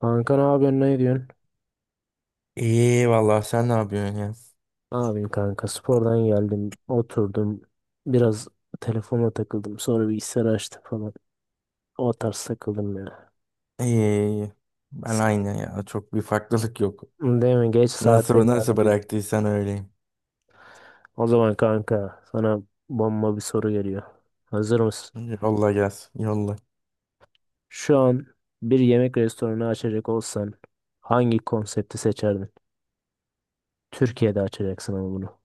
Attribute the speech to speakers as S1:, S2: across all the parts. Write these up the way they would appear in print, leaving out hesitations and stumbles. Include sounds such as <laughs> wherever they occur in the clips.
S1: Kanka ne yapıyorsun, ne diyorsun?
S2: İyi vallahi sen ne yapıyorsun ya?
S1: Ne yapayım kanka, spordan geldim, oturdum biraz, telefona takıldım, sonra bilgisayar açtım falan, o tarz takıldım ya.
S2: İyi iyi. İyi. Ben
S1: S-
S2: aynı ya. Çok bir farklılık yok.
S1: Değil mi, geç saat
S2: Nasıl nasıl
S1: tekrarladı.
S2: bıraktıysan öyleyim.
S1: O zaman kanka sana bomba bir soru geliyor. Hazır mısın?
S2: Yolla gelsin. Yolla.
S1: Şu an bir yemek restoranı açacak olsan hangi konsepti seçerdin? Türkiye'de açacaksın ama bunu.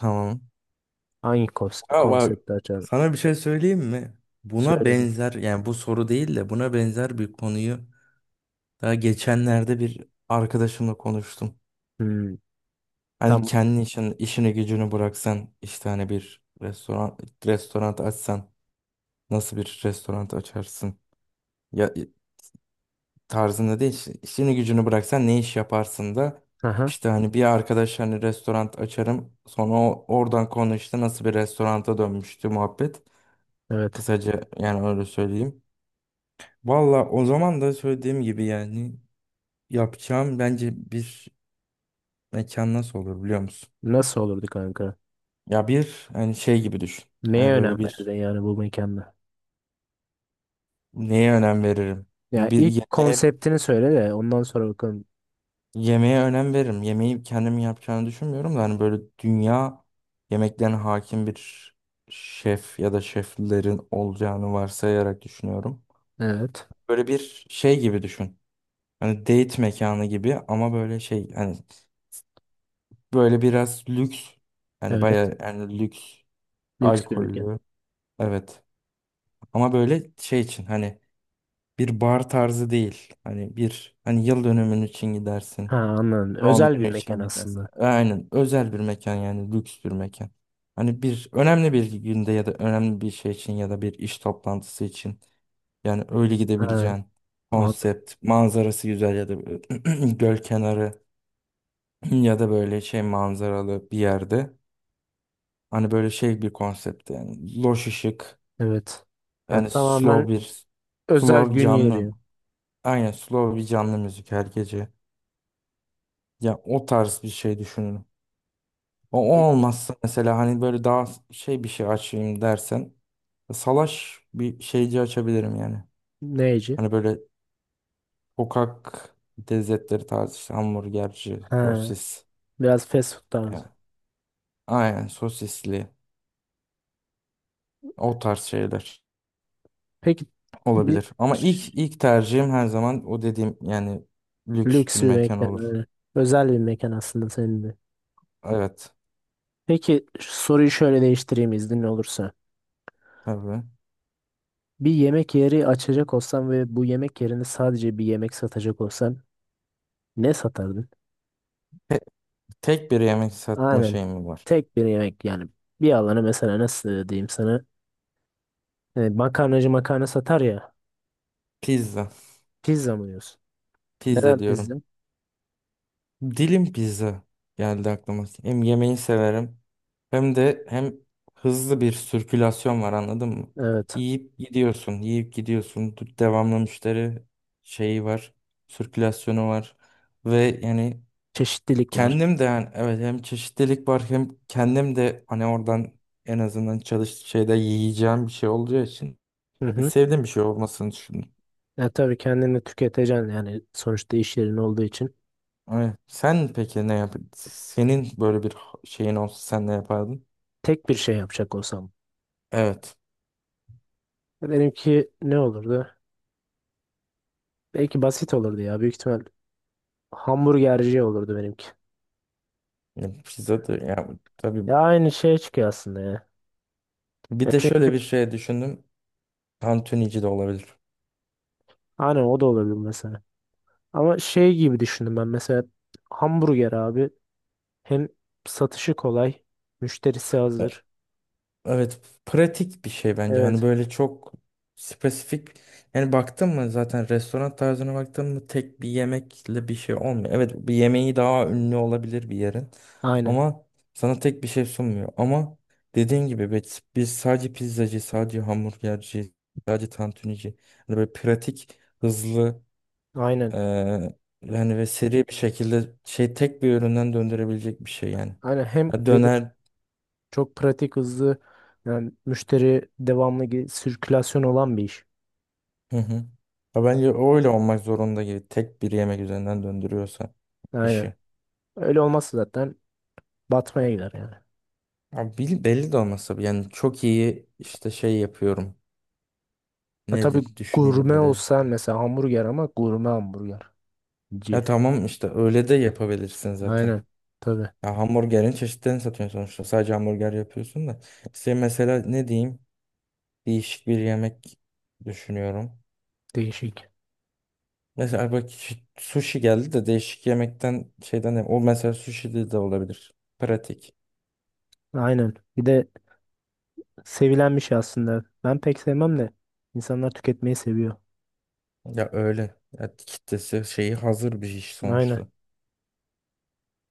S2: Tamam.
S1: Hangi kons-
S2: Ya bak,
S1: konsepti açardın?
S2: sana bir şey söyleyeyim mi? Buna
S1: Söyle bir.
S2: benzer, yani bu soru değil de buna benzer bir konuyu daha geçenlerde bir arkadaşımla konuştum.
S1: Hmm,
S2: Hani
S1: tam.
S2: kendi işin, işini gücünü bıraksan, işte hani bir restoran açsan nasıl bir restoran açarsın? Ya tarzında değil. İşini gücünü bıraksan ne iş yaparsın da
S1: Aha,
S2: işte hani bir arkadaş hani restoran açarım, sonra oradan konu işte nasıl bir restoranta dönmüştü muhabbet.
S1: evet.
S2: Kısaca yani öyle söyleyeyim. Valla o zaman da söylediğim gibi yani yapacağım bence bir mekan nasıl olur biliyor musun?
S1: Nasıl olurdu kanka?
S2: Ya bir hani şey gibi düşün.
S1: Neye
S2: Hani
S1: önem
S2: böyle bir
S1: verirdin yani bu mekanda?
S2: neye önem veririm?
S1: Ya
S2: Bir
S1: ilk
S2: yemeğe.
S1: konseptini söyle de ondan sonra bakalım.
S2: Yemeğe önem veririm. Yemeği kendim yapacağını düşünmüyorum da hani böyle dünya yemeklerine hakim bir şef ya da şeflerin olacağını varsayarak düşünüyorum.
S1: Evet.
S2: Böyle bir şey gibi düşün. Hani date mekanı gibi, ama böyle şey hani böyle biraz lüks, hani
S1: Evet.
S2: bayağı yani lüks,
S1: Lüks bir mekan.
S2: alkollü. Evet, ama böyle şey için hani bir bar tarzı değil. Hani bir hani yıl dönümün için
S1: Ha,
S2: gidersin.
S1: anladım.
S2: Doğum
S1: Özel bir
S2: günü
S1: mekan
S2: için gidersin.
S1: aslında.
S2: Aynen. Özel bir mekan yani lüks bir mekan. Hani bir önemli bir günde ya da önemli bir şey için ya da bir iş toplantısı için yani öyle
S1: Ha,
S2: gidebileceğin
S1: anladım.
S2: konsept, manzarası güzel ya da <clears throat> göl kenarı ya da böyle şey manzaralı bir yerde. Hani böyle şey bir konsept yani loş ışık,
S1: Evet. Ya
S2: yani
S1: tamamen
S2: slow bir
S1: özel gün
S2: canlı.
S1: yeri.
S2: Aynen slow bir canlı müzik her gece. Ya o tarz bir şey düşünün. O olmazsa mesela hani böyle daha şey bir şey açayım dersen salaş bir şeyci açabilirim yani.
S1: Neyci?
S2: Hani böyle sokak lezzetleri tarzı, işte hamburgerci,
S1: Ha,
S2: sosis.
S1: biraz fast food
S2: Yani
S1: tarzı.
S2: aynen sosisli, o tarz şeyler
S1: Peki bir
S2: olabilir. Ama
S1: ş-
S2: ilk tercihim her zaman o dediğim yani lüks bir
S1: lüks bir
S2: mekan
S1: mekan
S2: olur.
S1: öyle. Özel bir mekan aslında senin de.
S2: Evet,
S1: Peki soruyu şöyle değiştireyim, iznin olursa.
S2: tabii.
S1: Bir yemek yeri açacak olsan ve bu yemek yerinde sadece bir yemek satacak olsan ne satardın?
S2: Te- Tek bir yemek satma
S1: Aynen.
S2: şeyim var.
S1: Tek bir yemek yani. Bir alana mesela, nasıl diyeyim sana? Makarnacı makarna satar ya.
S2: Pizza.
S1: Pizza mı diyorsun?
S2: Pizza
S1: Neden
S2: diyorum.
S1: pizza?
S2: Dilim pizza geldi aklıma. Hem yemeği severim hem de hızlı bir sirkülasyon var, anladın mı?
S1: Evet.
S2: Yiyip gidiyorsun, yiyip gidiyorsun. Devamlı müşteri şeyi var, sirkülasyonu var ve yani
S1: Çeşitlilik var.
S2: kendim de, yani evet, hem çeşitlilik var hem kendim de hani oradan en azından çalış şeyde yiyeceğim bir şey olacağı için
S1: Hı hı.
S2: sevdiğim bir şey olmasını düşündüm.
S1: Ya tabii kendini tüketeceksin yani, sonuçta iş yerin olduğu için.
S2: Evet. Sen peki ne yap? Senin böyle bir şeyin olsa sen ne yapardın?
S1: Tek bir şey yapacak olsam.
S2: Evet.
S1: Benimki ne olurdu? Belki basit olurdu ya. Büyük ihtimal hamburgerci olurdu benimki.
S2: Ya pizza da ya, tabii.
S1: Ya aynı şeye çıkıyor aslında ya.
S2: Bir
S1: Ya
S2: de şöyle bir
S1: çünkü
S2: şey düşündüm. Tantunici de olabilir.
S1: hani o da olabilir mesela. Ama şey gibi düşündüm ben, mesela hamburger abi, hem satışı kolay, müşterisi
S2: Ya
S1: hazır.
S2: evet, pratik bir şey bence. Hani
S1: Evet.
S2: böyle çok spesifik, yani baktın mı zaten restoran tarzına baktın mı tek bir yemekle bir şey olmuyor. Evet, bir yemeği daha ünlü olabilir bir yerin,
S1: Aynen.
S2: ama sana tek bir şey sunmuyor. Ama dediğin gibi biz sadece pizzacı, sadece hamburgerci, sadece tantunici, hani böyle pratik, hızlı. Ee,
S1: Aynen.
S2: Yani ve seri bir şekilde şey tek bir üründen döndürebilecek bir şey yani.
S1: Aynen hem
S2: Ha,
S1: dedi,
S2: döner.
S1: çok pratik, hızlı, yani müşteri devamlı sirkülasyon olan bir iş.
S2: Hı hı. Ha, bence öyle olmak zorunda gibi tek bir yemek üzerinden döndürüyorsa
S1: Aynen.
S2: işi.
S1: Öyle olmazsa zaten batmaya gider yani.
S2: Abi, belli de olmasa bile yani çok iyi işte şey yapıyorum.
S1: Ha, tabii
S2: Nedir, düşüneyim
S1: gurme
S2: böyle.
S1: olsan mesela, hamburger ama gurme hamburgerci.
S2: Ya tamam, işte öyle de yapabilirsin zaten.
S1: Aynen. Tabii.
S2: Ya hamburgerin çeşitlerini satıyorsun sonuçta. Sadece hamburger yapıyorsun da. İşte mesela ne diyeyim? Değişik bir yemek düşünüyorum.
S1: Değişik.
S2: Mesela bak, sushi geldi de değişik yemekten şeyden, o mesela sushi de olabilir. Pratik.
S1: Aynen. Bir de sevilen bir şey aslında. Ben pek sevmem de insanlar tüketmeyi seviyor.
S2: Ya öyle. Ya kitlesi şeyi hazır bir iş
S1: Aynen.
S2: sonuçta.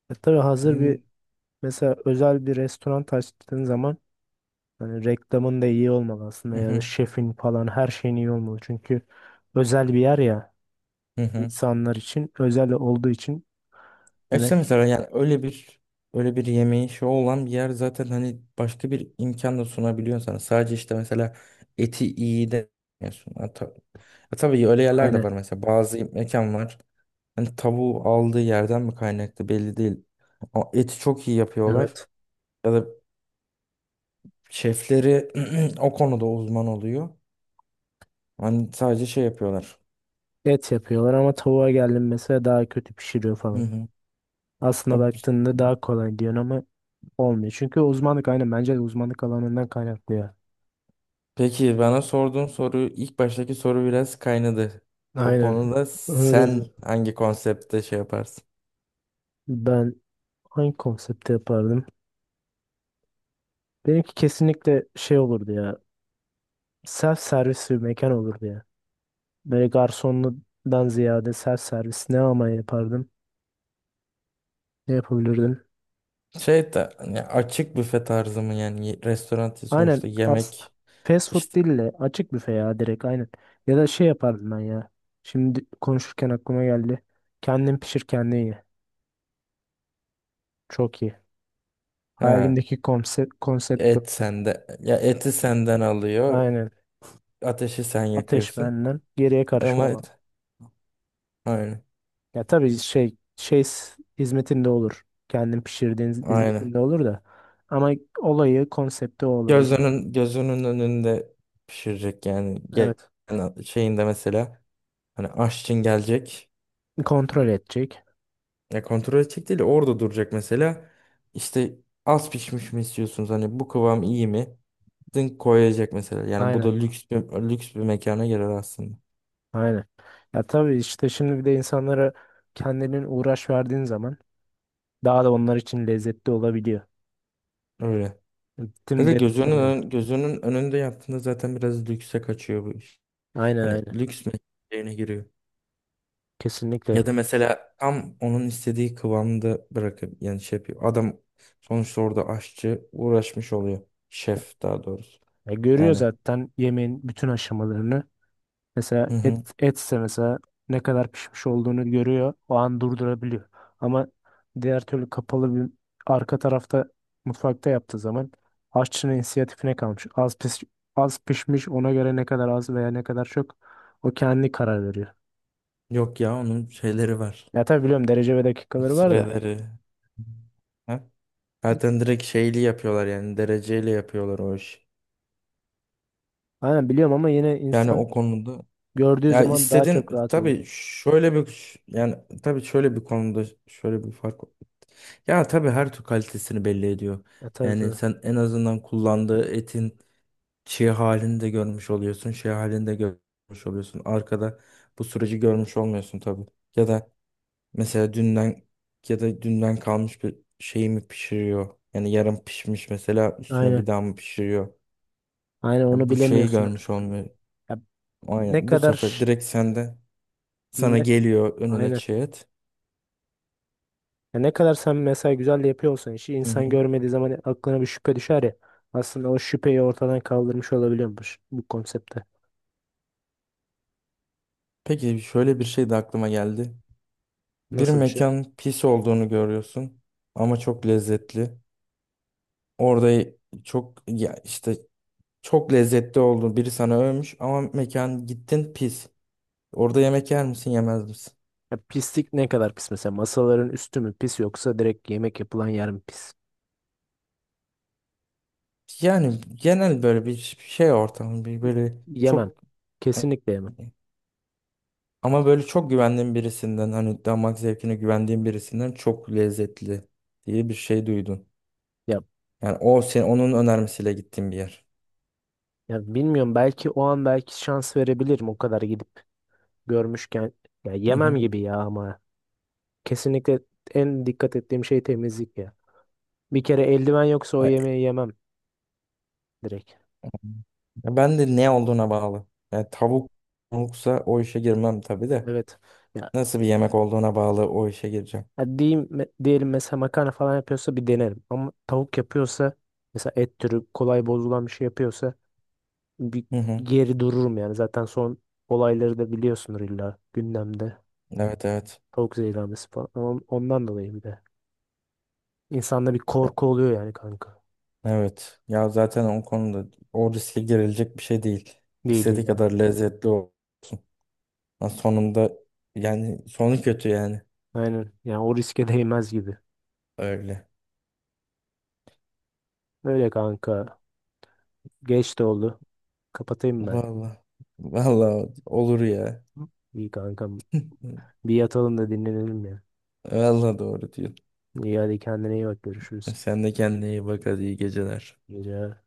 S1: E tabii hazır bir,
S2: Yani-
S1: mesela özel bir restoran açtığın zaman hani reklamın da iyi olmalı aslında,
S2: Hı
S1: ya da
S2: hı.
S1: şefin falan, her şeyin iyi olmalı. Çünkü özel bir yer ya,
S2: Hı hı.
S1: insanlar için özel olduğu için.
S2: Ya
S1: Yani
S2: İşte mesela yani öyle bir öyle bir yemeği şey olan bir yer zaten hani başka bir imkan da sunabiliyor sana. Sadece işte mesela eti iyi de sunuyor. Ya tabii öyle yerler de
S1: aynen,
S2: var mesela. Bazı mekan var. Hani tavuğu aldığı yerden mi kaynaklı belli değil. Ama eti çok iyi yapıyorlar.
S1: evet,
S2: Ya da şefleri <clears throat> o konuda uzman oluyor. Hani sadece şey yapıyorlar.
S1: et yapıyorlar ama tavuğa geldim mesela daha kötü pişiriyor
S2: Hı
S1: falan.
S2: hı.
S1: Aslında
S2: Abi,
S1: baktığında daha kolay diyorsun ama olmuyor. Çünkü uzmanlık, aynen, bence de uzmanlık alanından kaynaklı ya.
S2: peki bana sorduğun soru, ilk baştaki soru biraz kaynadı. O
S1: Aynen.
S2: konuda
S1: Öyle.
S2: sen hangi konseptte şey yaparsın?
S1: Ben hangi konsepte yapardım? Benimki kesinlikle şey olurdu ya. Self servis bir mekan olurdu ya. Böyle garsonludan ziyade self servis, ne ama yapardım? Ne yapabilirdim?
S2: Şey de hani açık büfe tarzı mı yani? Restoran değil
S1: Aynen
S2: sonuçta,
S1: as
S2: yemek
S1: fast food
S2: işte.
S1: değil de açık büfe ya, direkt, aynen. Ya da şey yapardım ben ya. Şimdi konuşurken aklıma geldi. Kendin pişir kendin ye. Çok iyi.
S2: Ha,
S1: Hayalimdeki konsept bu.
S2: et sende, ya eti senden alıyor,
S1: Aynen.
S2: ateşi sen
S1: Ateş
S2: yakıyorsun
S1: benden. Geriye
S2: ama
S1: karışmam.
S2: aynen,
S1: Ya tabii şey şey hizmetinde olur. Kendin pişirdiğin
S2: aynen.
S1: hizmetinde olur da. Ama olayı, konsepti o olurdu.
S2: Gözünün önünde pişirecek yani.
S1: Evet.
S2: Yani şeyinde mesela hani aşçın gelecek.
S1: Kontrol edecek.
S2: Ya kontrol edecek değil de orada duracak mesela. İşte az pişmiş mi istiyorsunuz? Hani bu kıvam iyi mi? Dın koyacak mesela. Yani bu
S1: Aynen.
S2: da lüks bir mekana girer aslında.
S1: Aynen. Ya tabii işte, şimdi bir de insanlara kendinin uğraş verdiğin zaman daha da onlar için lezzetli olabiliyor.
S2: Öyle. Ya
S1: Tüm
S2: da
S1: detayını.
S2: gözünün önünde yaptığında zaten biraz lükse kaçıyor bu iş.
S1: Aynen
S2: Hani
S1: aynen.
S2: lüks mekanına giriyor.
S1: Kesinlikle.
S2: Ya da mesela tam onun istediği kıvamda bırakıp yani şey yapıyor. Adam sonuçta orada aşçı uğraşmış oluyor. Şef daha doğrusu.
S1: Ya görüyor
S2: Yani
S1: zaten yemeğin bütün aşamalarını. Mesela
S2: hı hı.
S1: et etse mesela ne kadar pişmiş olduğunu görüyor. O an durdurabiliyor. Ama diğer türlü kapalı bir arka tarafta, mutfakta yaptığı zaman aşçının inisiyatifine kalmış. Az pişmiş, ona göre ne kadar az veya ne kadar çok, o kendi karar veriyor.
S2: Yok ya, onun şeyleri var.
S1: Ya tabii biliyorum, derece ve dakikaları var da.
S2: Süreleri. Ha? Zaten direkt şeyli yapıyorlar, yani dereceyle yapıyorlar o iş.
S1: Aynen biliyorum ama yine
S2: Yani
S1: insan
S2: o konuda
S1: gördüğü
S2: ya
S1: zaman daha
S2: istediğin,
S1: çok rahat oluyor.
S2: tabii şöyle bir yani tabii şöyle bir konuda şöyle bir fark. Ya tabii her tür kalitesini belli ediyor.
S1: Ya tabii
S2: Yani
S1: tabii.
S2: sen en azından kullandığı etin çığ halini de görmüş oluyorsun, şey halini de görmüş oluyorsun. Arkada bu süreci görmüş olmuyorsun tabii. Ya da mesela dünden, ya da dünden kalmış bir şeyi mi pişiriyor? Yani yarım pişmiş mesela, üstüne
S1: Aynen.
S2: bir daha mı pişiriyor?
S1: Aynen onu
S2: Ya bu şeyi
S1: bilemiyorsun
S2: görmüş
S1: artık.
S2: olmuyor.
S1: Ya ne
S2: Aynen. Bu
S1: kadar
S2: sefer
S1: ş-
S2: direkt sende sana
S1: ne,
S2: geliyor önüne
S1: aynen.
S2: çiğ et.
S1: Ya ne kadar sen mesela güzel de yapıyor olsan işi,
S2: Hı
S1: insan
S2: hı.
S1: görmediği zaman aklına bir şüphe düşer ya. Aslında o şüpheyi ortadan kaldırmış olabiliyormuş bu konsepte.
S2: Peki şöyle bir şey de aklıma geldi. Bir
S1: Nasıl bir şey?
S2: mekan pis olduğunu görüyorsun ama çok lezzetli. Orada çok ya işte çok lezzetli oldu. Biri sana övmüş ama mekan, gittin, pis. Orada yemek yer misin, yemez misin?
S1: Ya pislik ne kadar pis mesela? Masaların üstü mü pis yoksa direkt yemek yapılan yer mi pis?
S2: Yani genel böyle bir şey ortamı bir böyle
S1: Yemem.
S2: çok e,
S1: Kesinlikle yemem.
S2: ama böyle çok güvendiğim birisinden hani damak zevkine güvendiğim birisinden çok lezzetli diye bir şey duydun.
S1: Ya,
S2: Yani o senin onun önermesiyle gittiğim bir yer.
S1: ya bilmiyorum, belki o an belki şans verebilirim, o kadar gidip görmüşken. Ya
S2: Hı
S1: yemem
S2: hı.
S1: gibi ya ama. Kesinlikle en dikkat ettiğim şey temizlik ya. Bir kere eldiven yoksa o
S2: Ay,
S1: yemeği yemem direkt.
S2: ben de ne olduğuna bağlı. Yani tavuksa o işe girmem tabii de.
S1: Evet, ya.
S2: Nasıl bir yemek olduğuna bağlı o işe gireceğim.
S1: Ha, diyeyim, diyelim mesela makarna falan yapıyorsa bir denerim. Ama tavuk yapıyorsa, mesela et türü kolay bozulan bir şey yapıyorsa bir
S2: Hı hı.
S1: geri dururum yani. Zaten son olayları da biliyorsunuz, illa gündemde.
S2: Evet, evet.
S1: Tavuk zehirlenmesi falan. Ama ondan dolayı bir de, İnsanda bir korku oluyor yani kanka.
S2: Evet. Ya zaten o konuda o riske girilecek bir şey değil.
S1: Değil değil
S2: İstediği
S1: yani.
S2: kadar lezzetli olsun. Ha, sonunda yani sonu kötü yani.
S1: Aynen. Yani o riske <laughs> değmez gibi.
S2: Öyle.
S1: Öyle kanka. Geç de oldu. Kapatayım ben.
S2: Vallahi. Vallahi olur ya.
S1: İyi kankam. Bir yatalım da dinlenelim ya.
S2: Vallahi doğru diyorsun.
S1: İyi, hadi kendine iyi bak. Görüşürüz.
S2: Sen de kendine iyi bak, hadi iyi geceler.
S1: İyi geceler.